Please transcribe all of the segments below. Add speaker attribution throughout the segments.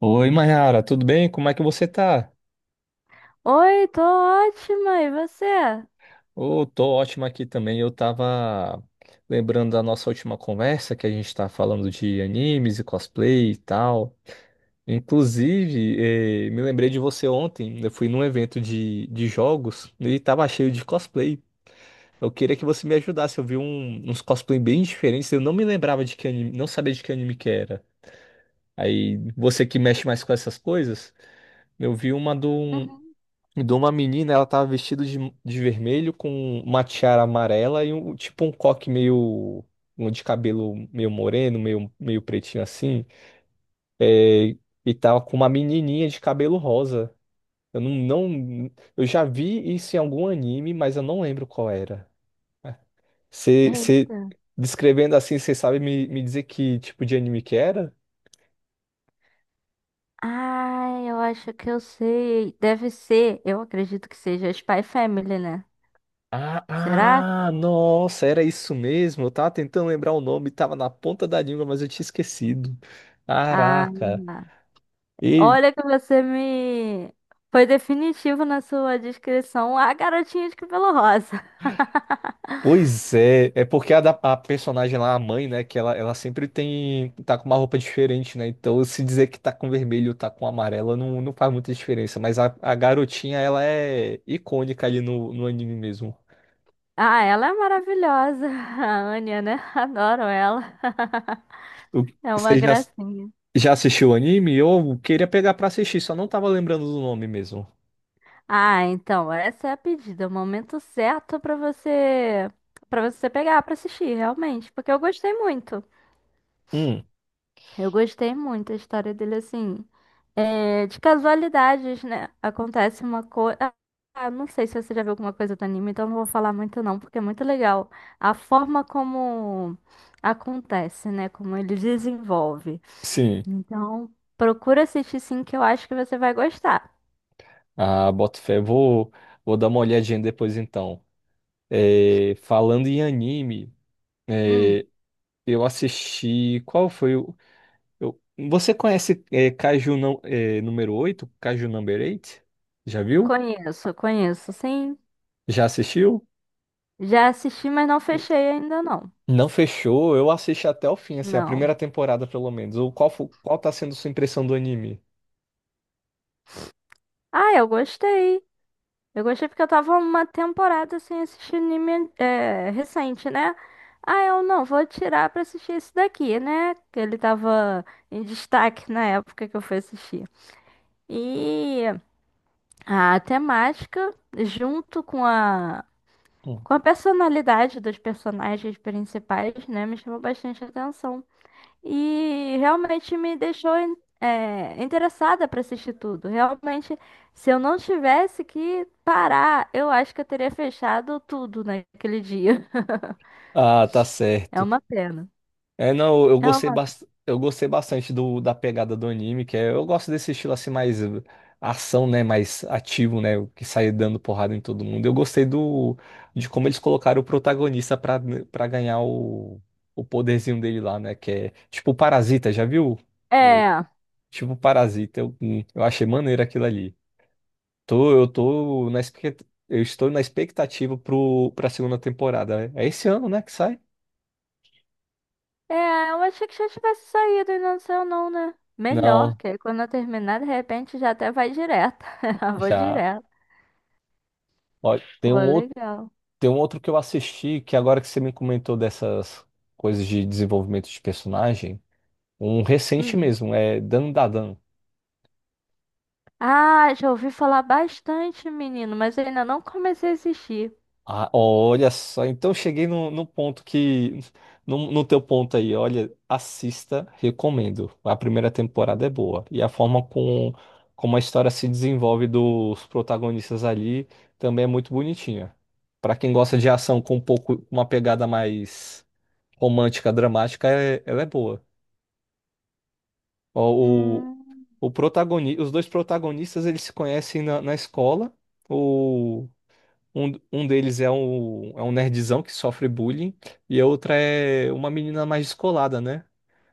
Speaker 1: Oi, Mayara, tudo bem? Como é que você tá?
Speaker 2: Oi, tô ótima, e você?
Speaker 1: Ô, tô ótimo aqui também. Eu tava lembrando da nossa última conversa, que a gente tá falando de animes e cosplay e tal. Inclusive, me lembrei de você ontem. Eu fui num evento de jogos e tava cheio de cosplay. Eu queria que você me ajudasse. Eu vi uns cosplay bem diferentes. Eu não me lembrava de que anime, não sabia de que anime que era. Aí, você que mexe mais com essas coisas, eu vi uma do
Speaker 2: Uhum.
Speaker 1: E de uma menina, ela tava vestida de vermelho com uma tiara amarela e um tipo um coque meio um de cabelo meio moreno, meio pretinho assim. É, e tava com uma menininha de cabelo rosa. Eu não, não, Eu já vi isso em algum anime, mas eu não lembro qual era. Você
Speaker 2: Eita.
Speaker 1: descrevendo assim, você sabe me dizer que tipo de anime que era?
Speaker 2: Ai, eu acho que eu sei. Deve ser, eu acredito que seja Spy Family, né?
Speaker 1: Ah,
Speaker 2: Será?
Speaker 1: ah, nossa, era isso mesmo. Eu tava tentando lembrar o nome, tava na ponta da língua, mas eu tinha esquecido.
Speaker 2: Ah,
Speaker 1: Caraca. E,
Speaker 2: olha que você me. Foi definitivo na sua descrição. A garotinha de cabelo rosa.
Speaker 1: Pois é, é porque a personagem lá, a mãe, né, que ela sempre tá com uma roupa diferente, né? Então, se dizer que tá com vermelho ou tá com amarelo, não faz muita diferença. Mas a garotinha, ela é icônica ali no anime mesmo.
Speaker 2: Ah, ela é maravilhosa. A Anya, né? Adoro ela.
Speaker 1: O-
Speaker 2: É uma
Speaker 1: Você já,
Speaker 2: gracinha.
Speaker 1: já assistiu o anime? Eu queria pegar pra assistir, só não tava lembrando do nome mesmo.
Speaker 2: Ah, então, essa é a pedida, é o momento certo pra você para você pegar pra assistir, realmente, porque eu gostei muito.
Speaker 1: Hum,
Speaker 2: Eu gostei muito da história dele assim. É, de casualidades, né? Acontece uma coisa. Não sei se você já viu alguma coisa do anime, então não vou falar muito não, porque é muito legal a forma como acontece, né? Como ele desenvolve.
Speaker 1: sim.
Speaker 2: Então, procura assistir sim, que eu acho que você vai gostar.
Speaker 1: Ah, boto fé. Vou dar uma olhadinha depois então. É, falando em anime,
Speaker 2: Hum,
Speaker 1: é, eu assisti. Qual foi o. eu- você conhece Kaiju não, número 8, Kaiju Number 8? Já viu?
Speaker 2: conheço, conheço, sim.
Speaker 1: Já assistiu?
Speaker 2: Já assisti, mas não fechei ainda não.
Speaker 1: Não fechou. Eu assisti até o fim, assim, a
Speaker 2: Não.
Speaker 1: primeira temporada pelo menos. Ou qual tá sendo sua impressão do anime?
Speaker 2: Ah, eu gostei. Eu gostei porque eu tava uma temporada sem assistir anime recente, né? Ah, eu não, vou tirar pra assistir esse daqui, né? Que ele tava em destaque na época que eu fui assistir. E a temática, junto
Speaker 1: Hum.
Speaker 2: com a personalidade dos personagens principais, né? Me chamou bastante atenção. E realmente me deixou interessada para assistir tudo. Realmente, se eu não tivesse que parar, eu acho que eu teria fechado tudo naquele dia.
Speaker 1: Ah, tá
Speaker 2: É
Speaker 1: certo.
Speaker 2: uma pena.
Speaker 1: É, não, eu
Speaker 2: É
Speaker 1: gostei,
Speaker 2: uma...
Speaker 1: bastante da pegada do anime, que é, eu gosto desse estilo assim mais ação, né, mais ativo, né, que sai dando porrada em todo mundo. Eu gostei do de como eles colocaram o protagonista pra para ganhar o poderzinho dele lá, né, que é tipo o Parasita, já viu? O,
Speaker 2: É,
Speaker 1: tipo o Parasita, eu achei maneiro aquilo ali. Tô, eu tô na expect- Eu estou na expectativa pro para segunda temporada. Né? É esse ano, né, que sai?
Speaker 2: é, eu achei que já tivesse saído e não saiu não, né? Melhor,
Speaker 1: Não,
Speaker 2: que aí quando eu terminar, de repente já até vai direto. Já vou
Speaker 1: já
Speaker 2: direto.
Speaker 1: ó. Tem
Speaker 2: Pô,
Speaker 1: um outro
Speaker 2: legal.
Speaker 1: Tem um outro que eu assisti, que agora que você me comentou dessas coisas de desenvolvimento de personagem, um recente
Speaker 2: Hum.
Speaker 1: mesmo, é Dandadan.
Speaker 2: Ah, já ouvi falar bastante, menino, mas eu ainda não comecei a assistir.
Speaker 1: Ah, olha só, então cheguei no ponto que. No teu ponto aí, olha, assista, recomendo. A primeira temporada é boa. E a forma como a história se desenvolve dos protagonistas ali também é muito bonitinha. Pra quem gosta de ação com um pouco, uma pegada mais romântica, dramática, ela é boa. Ó,
Speaker 2: Hum.
Speaker 1: Os dois protagonistas eles se conhecem na escola. O... um deles é um nerdzão que sofre bullying, e a outra é uma menina mais descolada, né?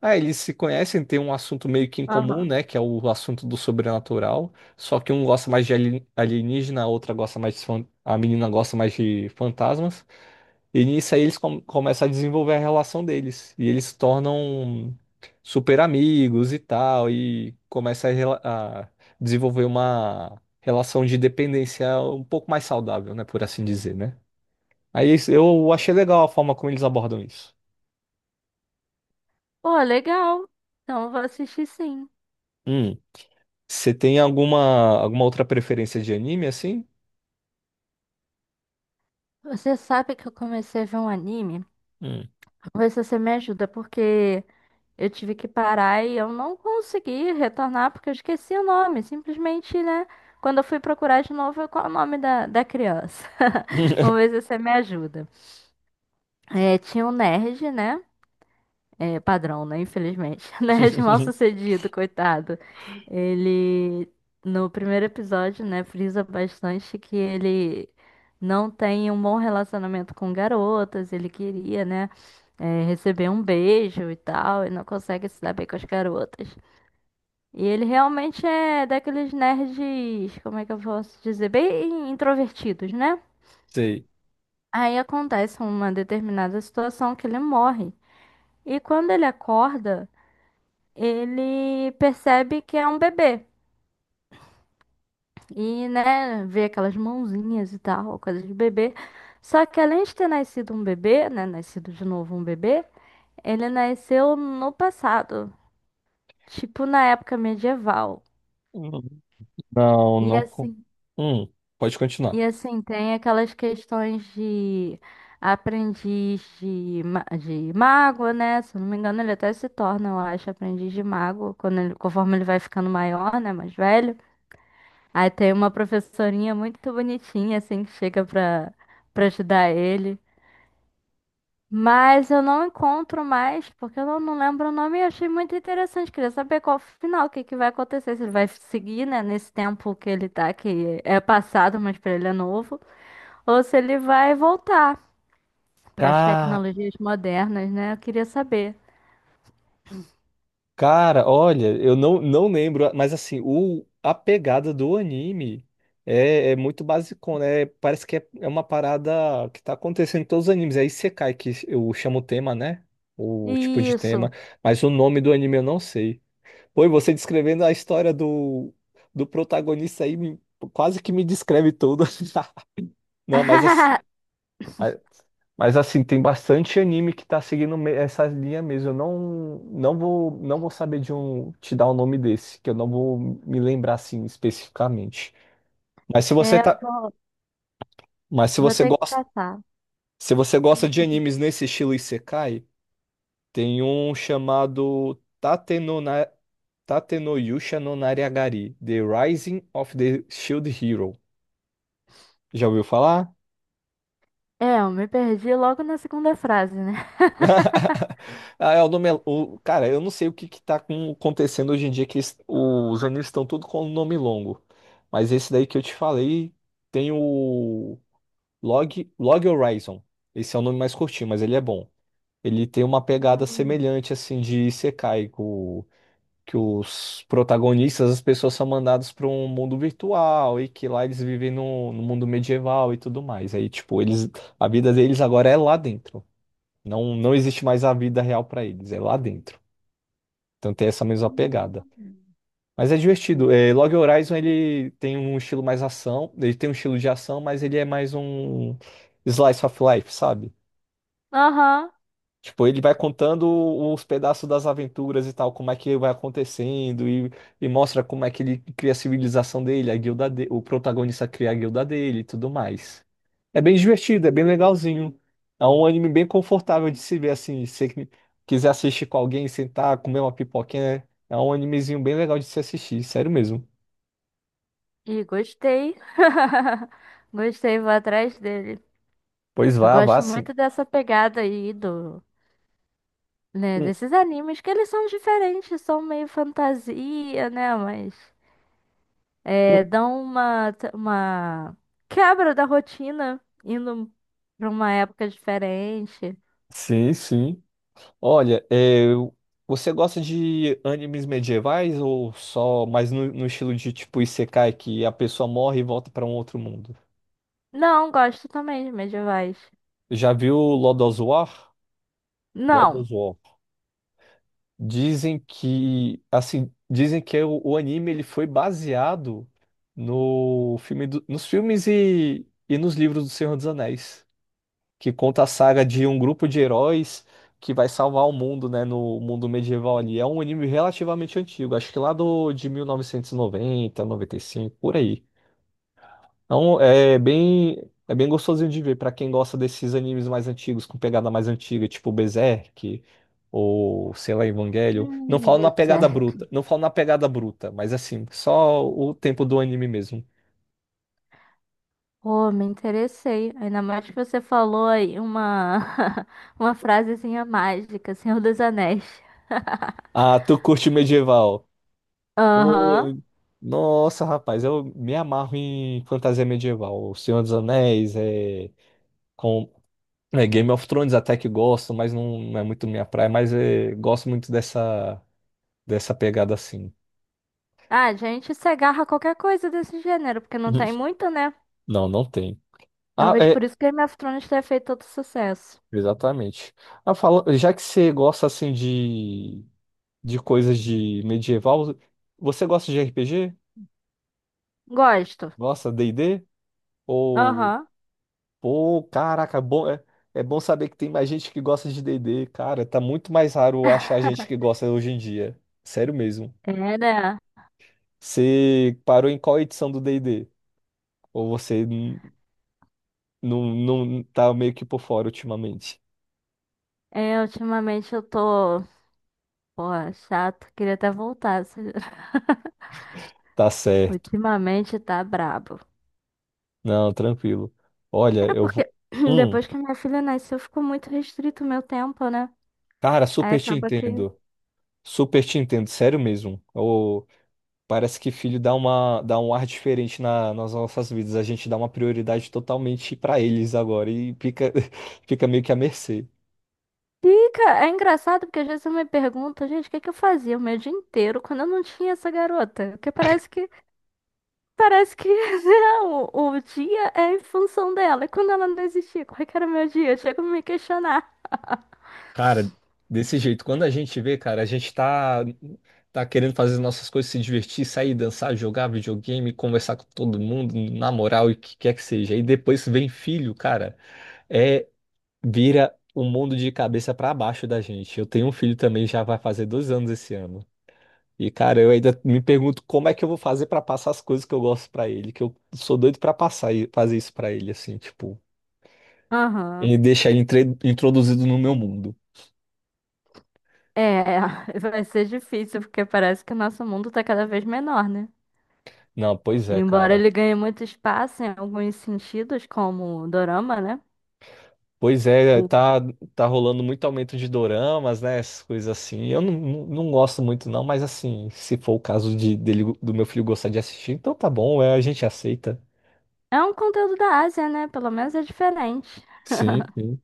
Speaker 1: Ah, eles se conhecem, tem um assunto meio que em comum,
Speaker 2: Aham.
Speaker 1: né? Que é o assunto do sobrenatural. Só que um gosta mais de alienígena, a outra gosta mais de A menina gosta mais de fantasmas. E nisso aí eles começam a desenvolver a relação deles. E eles se tornam super amigos e tal. E começa a desenvolver uma relação de dependência um pouco mais saudável, né? Por assim dizer, né? Aí eu achei legal a forma como eles abordam isso.
Speaker 2: Pô, legal. Então eu vou assistir sim.
Speaker 1: Hum. Você tem alguma, outra preferência de anime assim?
Speaker 2: Você sabe que eu comecei a ver um anime?
Speaker 1: Hum.
Speaker 2: Vou ver se você me ajuda, porque eu tive que parar e eu não consegui retornar porque eu esqueci o nome. Simplesmente, né? Quando eu fui procurar de novo, qual é o nome da, da criança? Vamos ver se você me ajuda. É, tinha um nerd, né? É, padrão, né? Infelizmente. Né? De mal-sucedido, coitado. Ele, no primeiro episódio, né, frisa bastante que ele não tem um bom relacionamento com garotas. Ele queria, né, receber um beijo e tal, e não consegue se dar bem com as garotas. E ele realmente é daqueles nerds, como é que eu posso dizer? Bem introvertidos, né?
Speaker 1: Sei.
Speaker 2: Aí acontece uma determinada situação que ele morre. E quando ele acorda, ele percebe que é um bebê. E, né, vê aquelas mãozinhas e tal, coisa de bebê. Só que além de ter nascido um bebê, né, nascido de novo um bebê, ele nasceu no passado, tipo na época medieval.
Speaker 1: Hum. Não,
Speaker 2: E
Speaker 1: não.
Speaker 2: assim,
Speaker 1: Hum. Pode
Speaker 2: e
Speaker 1: continuar.
Speaker 2: assim tem aquelas questões de de mago, né? Se eu não me engano, ele até se torna, eu acho, aprendiz de mago quando conforme ele vai ficando maior, né, mais velho. Aí tem uma professorinha muito bonitinha, assim, que chega pra, pra ajudar ele. Mas eu não encontro mais, porque eu não, não lembro o nome e achei muito interessante. Queria saber qual o final, o que, que vai acontecer. Se ele vai seguir, né, nesse tempo que ele tá, que é passado, mas pra ele é novo. Ou se ele vai voltar para as
Speaker 1: Cara,
Speaker 2: tecnologias modernas, né? Eu queria saber.
Speaker 1: Cara, olha, eu não lembro, mas assim, a pegada do anime é muito basicona, né? Parece que é uma parada que tá acontecendo em todos os animes. É Isekai, que eu chamo o tema, né? O tipo de tema,
Speaker 2: Isso.
Speaker 1: mas o nome do anime eu não sei. Pô, e você descrevendo a história do protagonista aí, quase que me descreve tudo. Não, mas assim. Mas assim, tem bastante anime que tá seguindo essa linha mesmo. Eu não vou saber de um te dar o nome desse, que eu não vou me lembrar assim especificamente. Mas se você
Speaker 2: É, eu
Speaker 1: tá,
Speaker 2: vou,
Speaker 1: mas se
Speaker 2: vou
Speaker 1: você
Speaker 2: ter que
Speaker 1: gosta,
Speaker 2: caçar.
Speaker 1: Se você gosta de animes nesse estilo Isekai, tem um chamado Tate no Na- Tate no Yusha no Nariagari, The Rising of the Shield Hero. Já ouviu falar?
Speaker 2: É, eu me perdi logo na segunda frase, né?
Speaker 1: Ah, é o nome. Cara, eu não sei o que que tá acontecendo hoje em dia, que os animes estão tudo com nome longo. Mas esse daí que eu te falei tem o Log Horizon. Esse é o nome mais curtinho, mas ele é bom. Ele tem uma pegada semelhante, assim, de Isekai, que os protagonistas, as pessoas são mandadas para um mundo virtual e que lá eles vivem no mundo medieval e tudo mais. Aí, tipo, a vida deles agora é lá dentro. Não, não existe mais a vida real para eles, é lá dentro. Então tem essa mesma
Speaker 2: Hum.
Speaker 1: pegada. Mas é divertido. É, Log Horizon ele tem um estilo mais ação, ele tem um estilo de ação, mas ele é mais um slice of life, sabe?
Speaker 2: Aham.
Speaker 1: Tipo, ele vai contando os pedaços das aventuras e tal, como é que vai acontecendo, e mostra como é que ele cria a civilização dele, a guilda dele, o protagonista cria a guilda dele e tudo mais. É bem divertido, é bem legalzinho. É um anime bem confortável de se ver assim. Se você quiser assistir com alguém, sentar, comer uma pipoquinha, né? É um animezinho bem legal de se assistir, sério mesmo.
Speaker 2: E gostei. Gostei, vou atrás dele.
Speaker 1: Pois
Speaker 2: Eu
Speaker 1: vá, vá
Speaker 2: gosto
Speaker 1: sim.
Speaker 2: muito dessa pegada aí do, né,
Speaker 1: Hum,
Speaker 2: desses animes que eles são diferentes, são meio fantasia, né, mas é,
Speaker 1: hum.
Speaker 2: dão uma quebra da rotina indo pra uma época diferente.
Speaker 1: Sim, sim. Olha, você gosta de animes medievais ou só mais no estilo de tipo Isekai, que a pessoa morre e volta para um outro mundo?
Speaker 2: Não, gosto também de medievais.
Speaker 1: Já viu Lord of War? Lord
Speaker 2: Não.
Speaker 1: of War. Dizem que, assim, dizem que o anime ele foi baseado no filme nos filmes e nos livros do Senhor dos Anéis, que conta a saga de um grupo de heróis que vai salvar o mundo, né, no mundo medieval ali. É um anime relativamente antigo, acho que lá de 1990, 95, por aí. Então, é bem gostosinho de ver para quem gosta desses animes mais antigos, com pegada mais antiga, tipo Berserk ou, sei lá, Evangelho. Não falo na pegada bruta,
Speaker 2: Deserto.
Speaker 1: não falo na pegada bruta, mas assim, só o tempo do anime mesmo.
Speaker 2: Oh, me interessei. Ainda mais que você falou aí uma, uma frasezinha mágica, Senhor dos Anéis.
Speaker 1: Ah, tu curte medieval?
Speaker 2: Aham.
Speaker 1: Pô, nossa, rapaz, eu me amarro em fantasia medieval. O Senhor dos Anéis, com, Game of Thrones até que gosto, mas não é muito minha praia, mas gosto muito dessa, pegada assim.
Speaker 2: Ah, a gente se agarra a qualquer coisa desse gênero, porque não tem muito, né?
Speaker 1: Não, não tem. Ah,
Speaker 2: Talvez por isso que Game of Thrones tenha feito tanto sucesso.
Speaker 1: exatamente. Ah, já que você gosta assim de coisas de medieval, você gosta de RPG?
Speaker 2: Gosto.
Speaker 1: Gosta de D&D? Ou,
Speaker 2: Aham.
Speaker 1: pô, caraca, bom, é bom saber que tem mais gente que gosta de D&D, cara, tá muito mais raro achar gente que gosta hoje em dia. Sério mesmo.
Speaker 2: É, né?
Speaker 1: Você parou em qual edição do D&D? Ou você não tá meio que por fora ultimamente?
Speaker 2: É, ultimamente eu tô. Pô, chato. Queria até voltar.
Speaker 1: Tá certo.
Speaker 2: Ultimamente tá brabo.
Speaker 1: Não, tranquilo. Olha,
Speaker 2: É
Speaker 1: eu
Speaker 2: porque
Speaker 1: vou. Hum.
Speaker 2: depois que minha filha nasceu, ficou muito restrito o meu tempo, né?
Speaker 1: Cara,
Speaker 2: Aí
Speaker 1: super te
Speaker 2: acaba que.
Speaker 1: entendo. Super te entendo, sério mesmo. Ô, parece que filho dá um ar diferente nas nossas vidas. A gente dá uma prioridade totalmente pra eles agora e fica, fica meio que à mercê.
Speaker 2: Fica, é engraçado porque às vezes eu me pergunto, gente, o que é que eu fazia o meu dia inteiro quando eu não tinha essa garota? Porque parece que né, o dia é em função dela. E quando ela não existia, como é que era o meu dia? Eu chego a me questionar.
Speaker 1: Cara, desse jeito, quando a gente vê, cara, a gente tá, tá querendo fazer nossas coisas, se divertir, sair, dançar, jogar videogame, conversar com todo mundo, namorar, o que quer que seja. E depois vem filho, cara. Vira um mundo de cabeça pra baixo da gente. Eu tenho um filho também, já vai fazer 2 anos esse ano. E, cara, eu ainda me pergunto como é que eu vou fazer pra passar as coisas que eu gosto pra ele, que eu sou doido pra passar e fazer isso pra ele, assim, tipo,
Speaker 2: Aham.
Speaker 1: e deixar ele introduzido no meu mundo.
Speaker 2: É, vai ser difícil porque parece que o nosso mundo tá cada vez menor, né?
Speaker 1: Não, pois é,
Speaker 2: Embora
Speaker 1: cara.
Speaker 2: ele ganhe muito espaço em alguns sentidos, como o dorama, né?
Speaker 1: Pois é,
Speaker 2: O-
Speaker 1: tá, tá rolando muito aumento de doramas, né? Essas coisas assim. Eu não gosto muito, não, mas assim, se for o caso do meu filho gostar de assistir, então tá bom, a gente aceita.
Speaker 2: É um conteúdo da Ásia, né? Pelo menos é diferente.
Speaker 1: Sim, sim.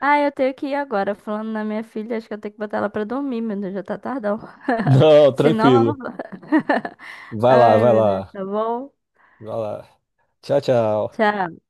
Speaker 2: Ah, eu tenho que ir agora. Falando na minha filha, acho que eu tenho que botar ela pra dormir, meu Deus, já tá tardão.
Speaker 1: Não,
Speaker 2: Senão ela não
Speaker 1: tranquilo.
Speaker 2: vai.
Speaker 1: Vai lá,
Speaker 2: Ai,
Speaker 1: vai
Speaker 2: meu Deus,
Speaker 1: lá,
Speaker 2: tá bom?
Speaker 1: vai lá. Tchau, tchau.
Speaker 2: Tchau.